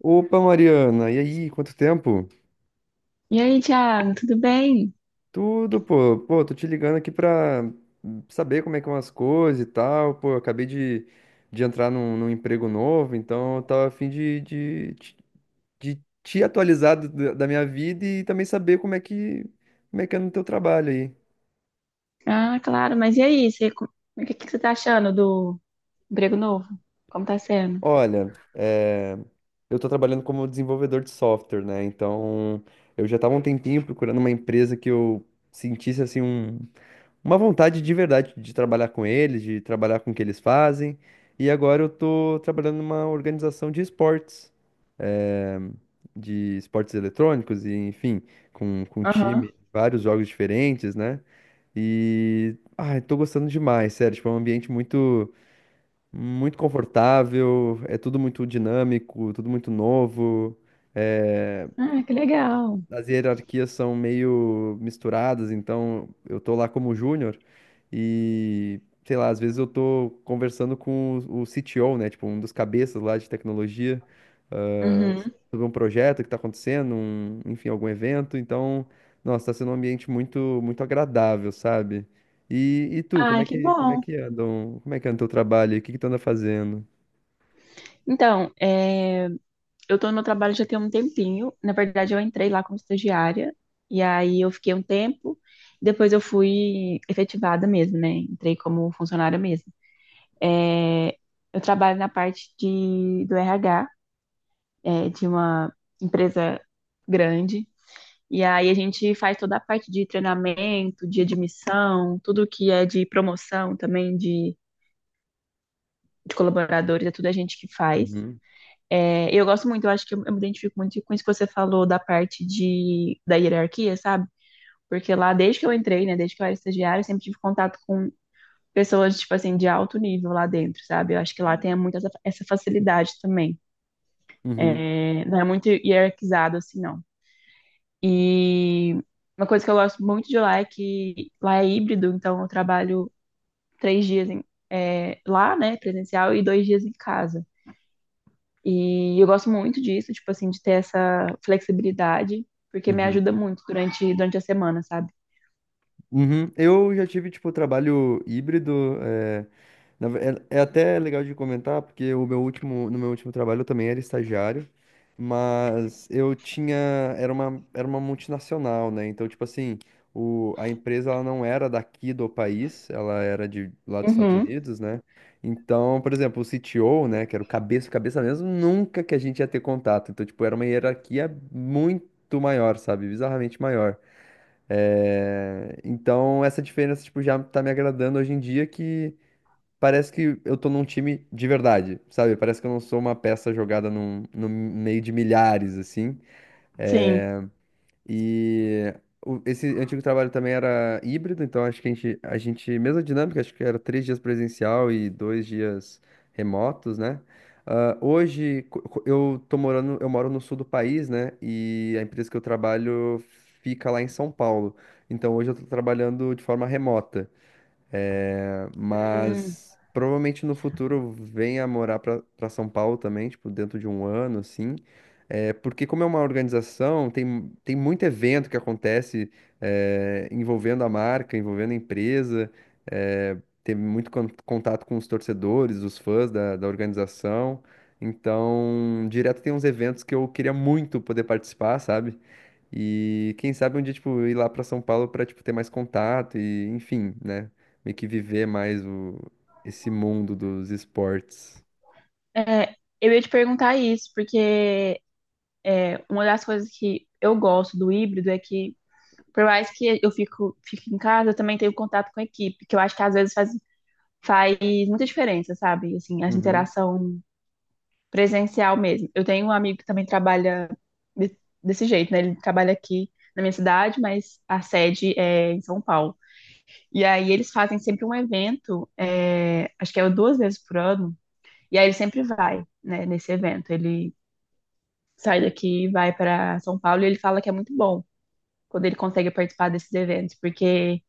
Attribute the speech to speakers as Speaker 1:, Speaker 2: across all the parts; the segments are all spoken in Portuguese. Speaker 1: Opa, Mariana, e aí, quanto tempo?
Speaker 2: E aí, Thiago, tudo bem?
Speaker 1: Tudo, pô, tô te ligando aqui pra saber como é que são as coisas e tal, pô, eu acabei de entrar num emprego novo, então eu tava a fim de te atualizar da minha vida e também saber como é como é que é no teu trabalho aí.
Speaker 2: Ah, claro, mas e aí? Você, o que que você tá achando do emprego novo? Como tá sendo?
Speaker 1: Olha, eu tô trabalhando como desenvolvedor de software, né, então eu já tava um tempinho procurando uma empresa que eu sentisse, assim, uma vontade de verdade de trabalhar com eles, de trabalhar com o que eles fazem. E agora eu tô trabalhando numa organização de esportes, eh, de esportes eletrônicos e, enfim, com um time,
Speaker 2: Aham.
Speaker 1: vários jogos diferentes, né? E, ai, tô gostando demais, sério, tipo, é um ambiente muito, muito confortável, é tudo muito dinâmico, tudo muito novo, eh,
Speaker 2: Ah, que legal.
Speaker 1: as hierarquias são meio misturadas, então eu tô lá como júnior e, sei lá, às vezes eu tô conversando com o CTO, né, tipo, um dos cabeças lá de tecnologia, ah,
Speaker 2: Uhum.
Speaker 1: sobre um projeto que tá acontecendo, enfim, algum evento, então, nossa, tá sendo um ambiente muito, muito agradável, sabe? E tu, como
Speaker 2: Ah,
Speaker 1: é
Speaker 2: que
Speaker 1: como é
Speaker 2: bom.
Speaker 1: que anda, como é que anda o teu trabalho? O que que tu anda fazendo?
Speaker 2: Então, eu tô no meu trabalho já tem um tempinho. Na verdade, eu entrei lá como estagiária, e aí eu fiquei um tempo, depois eu fui efetivada mesmo, né? Entrei como funcionária mesmo. É, eu trabalho na parte de, do RH, de uma empresa grande. E aí a gente faz toda a parte de treinamento, de admissão, tudo que é de promoção também, de colaboradores, é tudo a gente que faz.
Speaker 1: Uhum,
Speaker 2: É, eu gosto muito, eu acho que eu me identifico muito com isso que você falou da parte de, da hierarquia, sabe? Porque lá, desde que eu entrei, né, desde que eu era estagiária, eu sempre tive contato com pessoas, tipo assim, de alto nível lá dentro, sabe? Eu acho que lá tem muito essa facilidade também.
Speaker 1: uhum,
Speaker 2: É, não é muito hierarquizado, assim, não. E uma coisa que eu gosto muito de lá é que lá é híbrido, então eu trabalho três dias em- é, lá, né, presencial, e dois dias em casa. E eu gosto muito disso, tipo assim, de ter essa flexibilidade, porque me
Speaker 1: uhum.
Speaker 2: ajuda muito durante a semana, sabe?
Speaker 1: Uhum. Eu já tive, tipo, trabalho híbrido. Na ve- é, é até legal de comentar, porque o meu último, no meu último trabalho eu também era estagiário, mas eu tinha, era uma multinacional, né? Então, tipo assim, a empresa ela não era daqui do país, ela era de lá dos Estados
Speaker 2: Uhum,
Speaker 1: Unidos, né? Então, por exemplo, o CTO, né, que era o cabeça, cabeça mesmo, nunca que a gente ia ter contato. Então, tipo, era uma hierarquia muito maior, sabe? Bizarramente maior. É, então, essa diferença, tipo, já tá me agradando hoje em dia que parece que eu tô num time de verdade, sabe? Parece que eu não sou uma peça jogada num, no meio de milhares, assim.
Speaker 2: sim.
Speaker 1: E esse antigo trabalho também era híbrido, então acho que a gente, mesma dinâmica, acho que era três dias presencial e dois dias remotos, né? Ah, hoje eu tô morando, eu moro no sul do país, né? E a empresa que eu trabalho fica lá em São Paulo. Então hoje eu tô trabalhando de forma remota. É,
Speaker 2: Hum,
Speaker 1: mas provavelmente no futuro eu venha morar pra São Paulo também, tipo, dentro de um ano, assim. É, porque como é uma organização, tem muito evento que acontece envolvendo a marca, envolvendo a empresa, é, teve muito contato com os torcedores, os fãs da organização. Então, direto tem uns eventos que eu queria muito poder participar, sabe? E quem sabe um dia, tipo, ir lá pra São Paulo pra, tipo, ter mais contato e, enfim, né? Meio que viver mais o esse mundo dos esportes.
Speaker 2: é, eu ia te perguntar isso, porque é, uma das coisas que eu gosto do híbrido é que, por mais que eu fique em casa, eu também tenho contato com a equipe, que eu acho que às vezes faz muita diferença, sabe? Assim, a
Speaker 1: Uhum,
Speaker 2: interação presencial mesmo. Eu tenho um amigo que também trabalha de- desse jeito, né? Ele trabalha aqui na minha cidade, mas a sede é em São Paulo. E aí eles fazem sempre um evento, é, acho que é duas vezes por ano, e aí ele sempre vai, né, nesse evento. Ele sai daqui e vai para São Paulo e ele fala que é muito bom. Quando ele consegue participar desses eventos, porque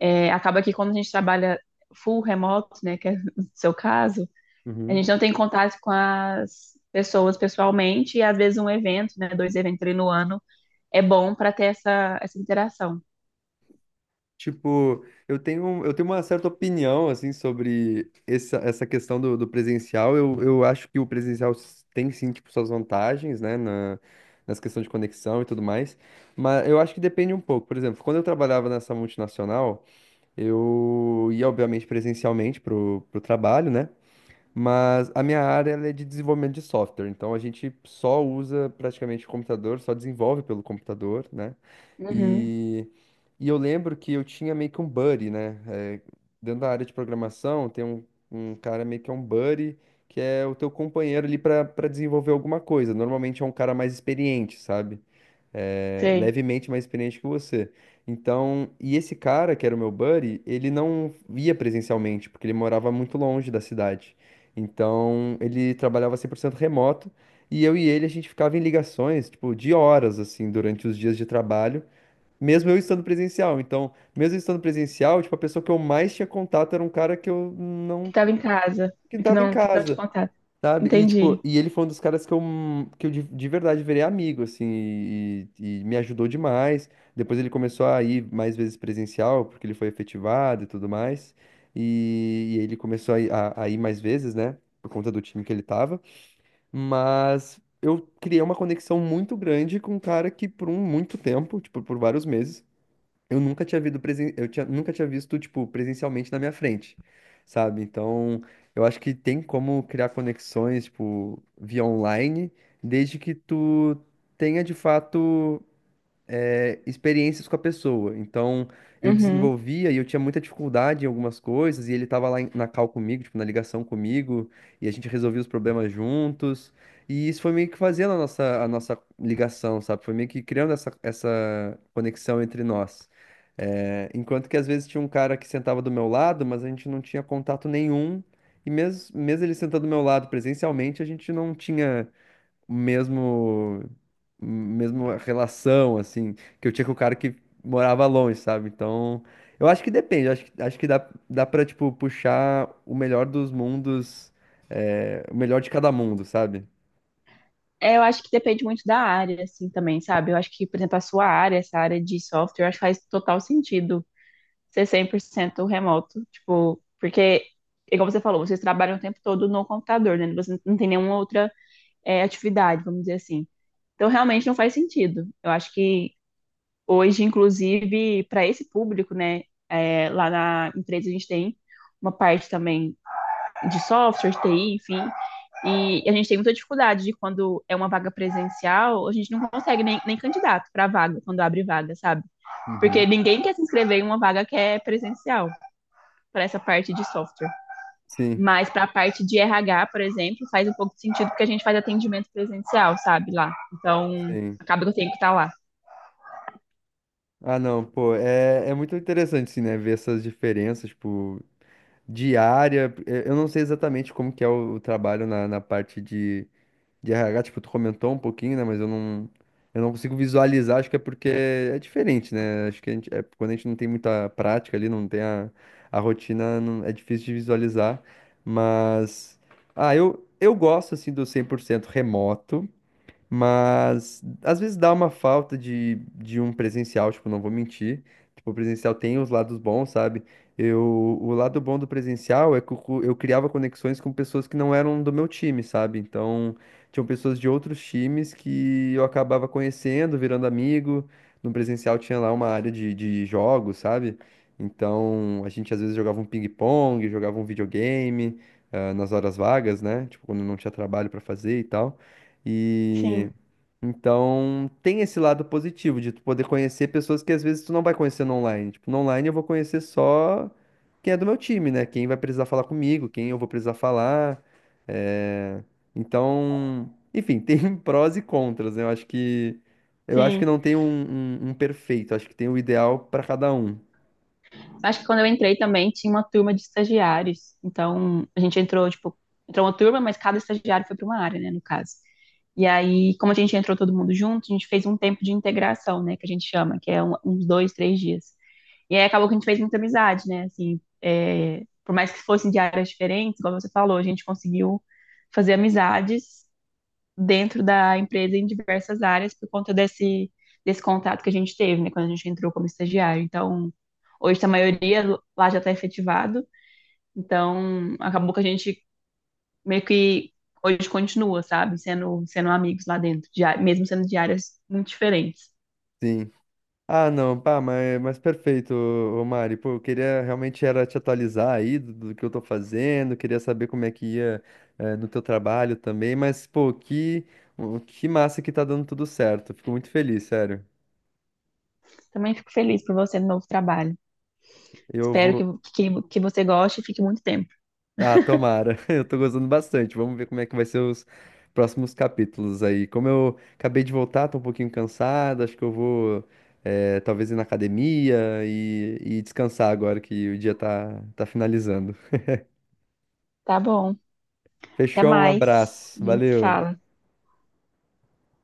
Speaker 2: é, acaba que quando a gente trabalha full remoto, né, que é o seu caso, a gente
Speaker 1: uhum.
Speaker 2: não tem contato com as pessoas pessoalmente, e às vezes um evento, né, dois eventos ali no ano, é bom para ter essa interação.
Speaker 1: Tipo, eu tenho uma certa opinião, assim, sobre essa questão do presencial. Eu acho que o presencial tem, sim, tipo, suas vantagens, né? Nas questões de conexão e tudo mais. Mas eu acho que depende um pouco. Por exemplo, quando eu trabalhava nessa multinacional, eu ia, obviamente, presencialmente pro trabalho, né? Mas a minha área ela é de desenvolvimento de software, então a gente só usa praticamente o computador, só desenvolve pelo computador, né?
Speaker 2: Uhum,
Speaker 1: E, e eu lembro que eu tinha meio que um buddy, né? É, dentro da área de programação, tem um, um cara meio que é um buddy, que é o teu companheiro ali para desenvolver alguma coisa. Normalmente é um cara mais experiente, sabe? É,
Speaker 2: sei.
Speaker 1: levemente mais experiente que você. Então, e esse cara, que era o meu buddy, ele não ia presencialmente, porque ele morava muito longe da cidade. Então, ele trabalhava 100% remoto, e eu e ele, a gente ficava em ligações, tipo, de horas, assim, durante os dias de trabalho, mesmo eu estando presencial. Então, mesmo eu estando presencial, tipo, a pessoa que eu mais tinha contato era um cara que eu
Speaker 2: Que
Speaker 1: não...
Speaker 2: estava em casa,
Speaker 1: que
Speaker 2: que
Speaker 1: estava em
Speaker 2: não, que não tinha
Speaker 1: casa.
Speaker 2: contato.
Speaker 1: Sabe? E, tipo,
Speaker 2: Entendi.
Speaker 1: e ele foi um dos caras que eu de verdade virei amigo, assim, e me ajudou demais. Depois ele começou a ir mais vezes presencial, porque ele foi efetivado e tudo mais. E ele começou a ir mais vezes, né? Por conta do time que ele tava. Mas eu criei uma conexão muito grande com um cara que, por um muito tempo, tipo, por vários meses, eu nunca tinha visto presen... eu tinha... nunca tinha visto, tipo, presencialmente na minha frente, sabe? Então, eu acho que tem como criar conexões, tipo, via online, desde que tu tenha de fato experiências com a pessoa. Então, eu
Speaker 2: Uhum.
Speaker 1: desenvolvia e eu tinha muita dificuldade em algumas coisas, e ele estava lá na call comigo, tipo, na ligação comigo, e a gente resolvia os problemas juntos. E isso foi meio que fazendo a a nossa ligação, sabe? Foi meio que criando essa conexão entre nós. É, enquanto que às vezes tinha um cara que sentava do meu lado, mas a gente não tinha contato nenhum. E mesmo ele sentando do meu lado presencialmente, a gente não tinha mesmo mesmo relação assim que eu tinha com o cara que morava longe, sabe? Então, eu acho que depende, eu acho que dá para tipo puxar o melhor dos mundos, é, o melhor de cada mundo, sabe?
Speaker 2: É, eu acho que depende muito da área, assim, também, sabe? Eu acho que, por exemplo, a sua área, essa área de software, eu acho que faz total sentido ser 100% remoto, tipo, porque, igual você falou, vocês trabalham o tempo todo no computador, né? Você não tem nenhuma outra é, atividade, vamos dizer assim. Então, realmente não faz sentido. Eu acho que hoje, inclusive, para esse público, né, é, lá na empresa a gente tem uma parte também de software, de TI, enfim, e a gente tem muita dificuldade de quando é uma vaga presencial, a gente não consegue nem candidato para vaga, quando abre vaga, sabe? Porque
Speaker 1: Uhum.
Speaker 2: ninguém quer se inscrever em uma vaga que é presencial para essa parte de software.
Speaker 1: Sim,
Speaker 2: Mas para a parte de RH, por exemplo, faz um pouco de sentido porque a gente faz atendimento presencial, sabe, lá. Então,
Speaker 1: sim.
Speaker 2: acaba que eu tenho que estar lá.
Speaker 1: Ah, não, pô, é, é muito interessante, assim, né, ver essas diferenças, tipo, diária. Eu não sei exatamente como que é o trabalho na parte de RH, tipo, tu comentou um pouquinho, né? Eu não consigo visualizar, acho que é porque é diferente, né? Acho que a gente, é, quando a gente não tem muita prática ali, não tem a rotina, é difícil de visualizar. Mas, ah, eu gosto, assim, do 100% remoto, mas às vezes dá uma falta de um presencial, tipo, não vou mentir. Tipo, o presencial tem os lados bons, sabe? Eu, o lado bom do presencial é que eu criava conexões com pessoas que não eram do meu time, sabe? Então, tinham pessoas de outros times que eu acabava conhecendo, virando amigo. No presencial tinha lá uma área de jogos, sabe? Então, a gente às vezes jogava um ping-pong, jogava um videogame, ah, nas horas vagas, né? Tipo, quando não tinha trabalho pra fazer e tal. E
Speaker 2: Sim,
Speaker 1: então tem esse lado positivo de tu poder conhecer pessoas que às vezes tu não vai conhecer no online. Tipo, no online eu vou conhecer só quem é do meu time, né? Quem vai precisar falar comigo, quem eu vou precisar falar. É, então, enfim, tem prós e contras, né? Eu acho que
Speaker 2: sim.
Speaker 1: não tem um, um perfeito, acho que tem o ideal para cada um.
Speaker 2: Acho que quando eu entrei também tinha uma turma de estagiários. Então, a gente entrou, tipo, entrou uma turma, mas cada estagiário foi para uma área, né, no caso. E aí, como a gente entrou todo mundo junto, a gente fez um tempo de integração, né, que a gente chama, que é um, uns dois, três dias. E aí acabou que a gente fez muita amizade, né? Assim, é, por mais que fossem de áreas diferentes, como você falou, a gente conseguiu fazer amizades dentro da empresa em diversas áreas por conta desse contato que a gente teve, né? Quando a gente entrou como estagiário. Então, hoje tá a maioria lá já está efetivado. Então, acabou que a gente meio que hoje continua, sabe? Sendo amigos lá dentro, de, mesmo sendo de áreas muito diferentes.
Speaker 1: Sim. Ah, não, pá, mas perfeito, ô Mari. Pô, eu queria realmente era te atualizar aí do que eu tô fazendo, queria saber como é que ia, eh, no teu trabalho também, mas, pô, que, que massa que tá dando tudo certo. Fico muito feliz, sério.
Speaker 2: Também fico feliz por você no novo trabalho.
Speaker 1: Eu
Speaker 2: Espero
Speaker 1: vou.
Speaker 2: que você goste e fique muito tempo.
Speaker 1: Ah, tomara. Eu tô gostando bastante. Vamos ver como é que vai ser os próximos capítulos aí. Como eu acabei de voltar, tô um pouquinho cansado, acho que eu vou, eh, talvez ir na academia e descansar agora que o dia tá, tá finalizando.
Speaker 2: Tá bom. Até
Speaker 1: Fechou, um
Speaker 2: mais. A
Speaker 1: abraço.
Speaker 2: gente se
Speaker 1: Valeu.
Speaker 2: fala.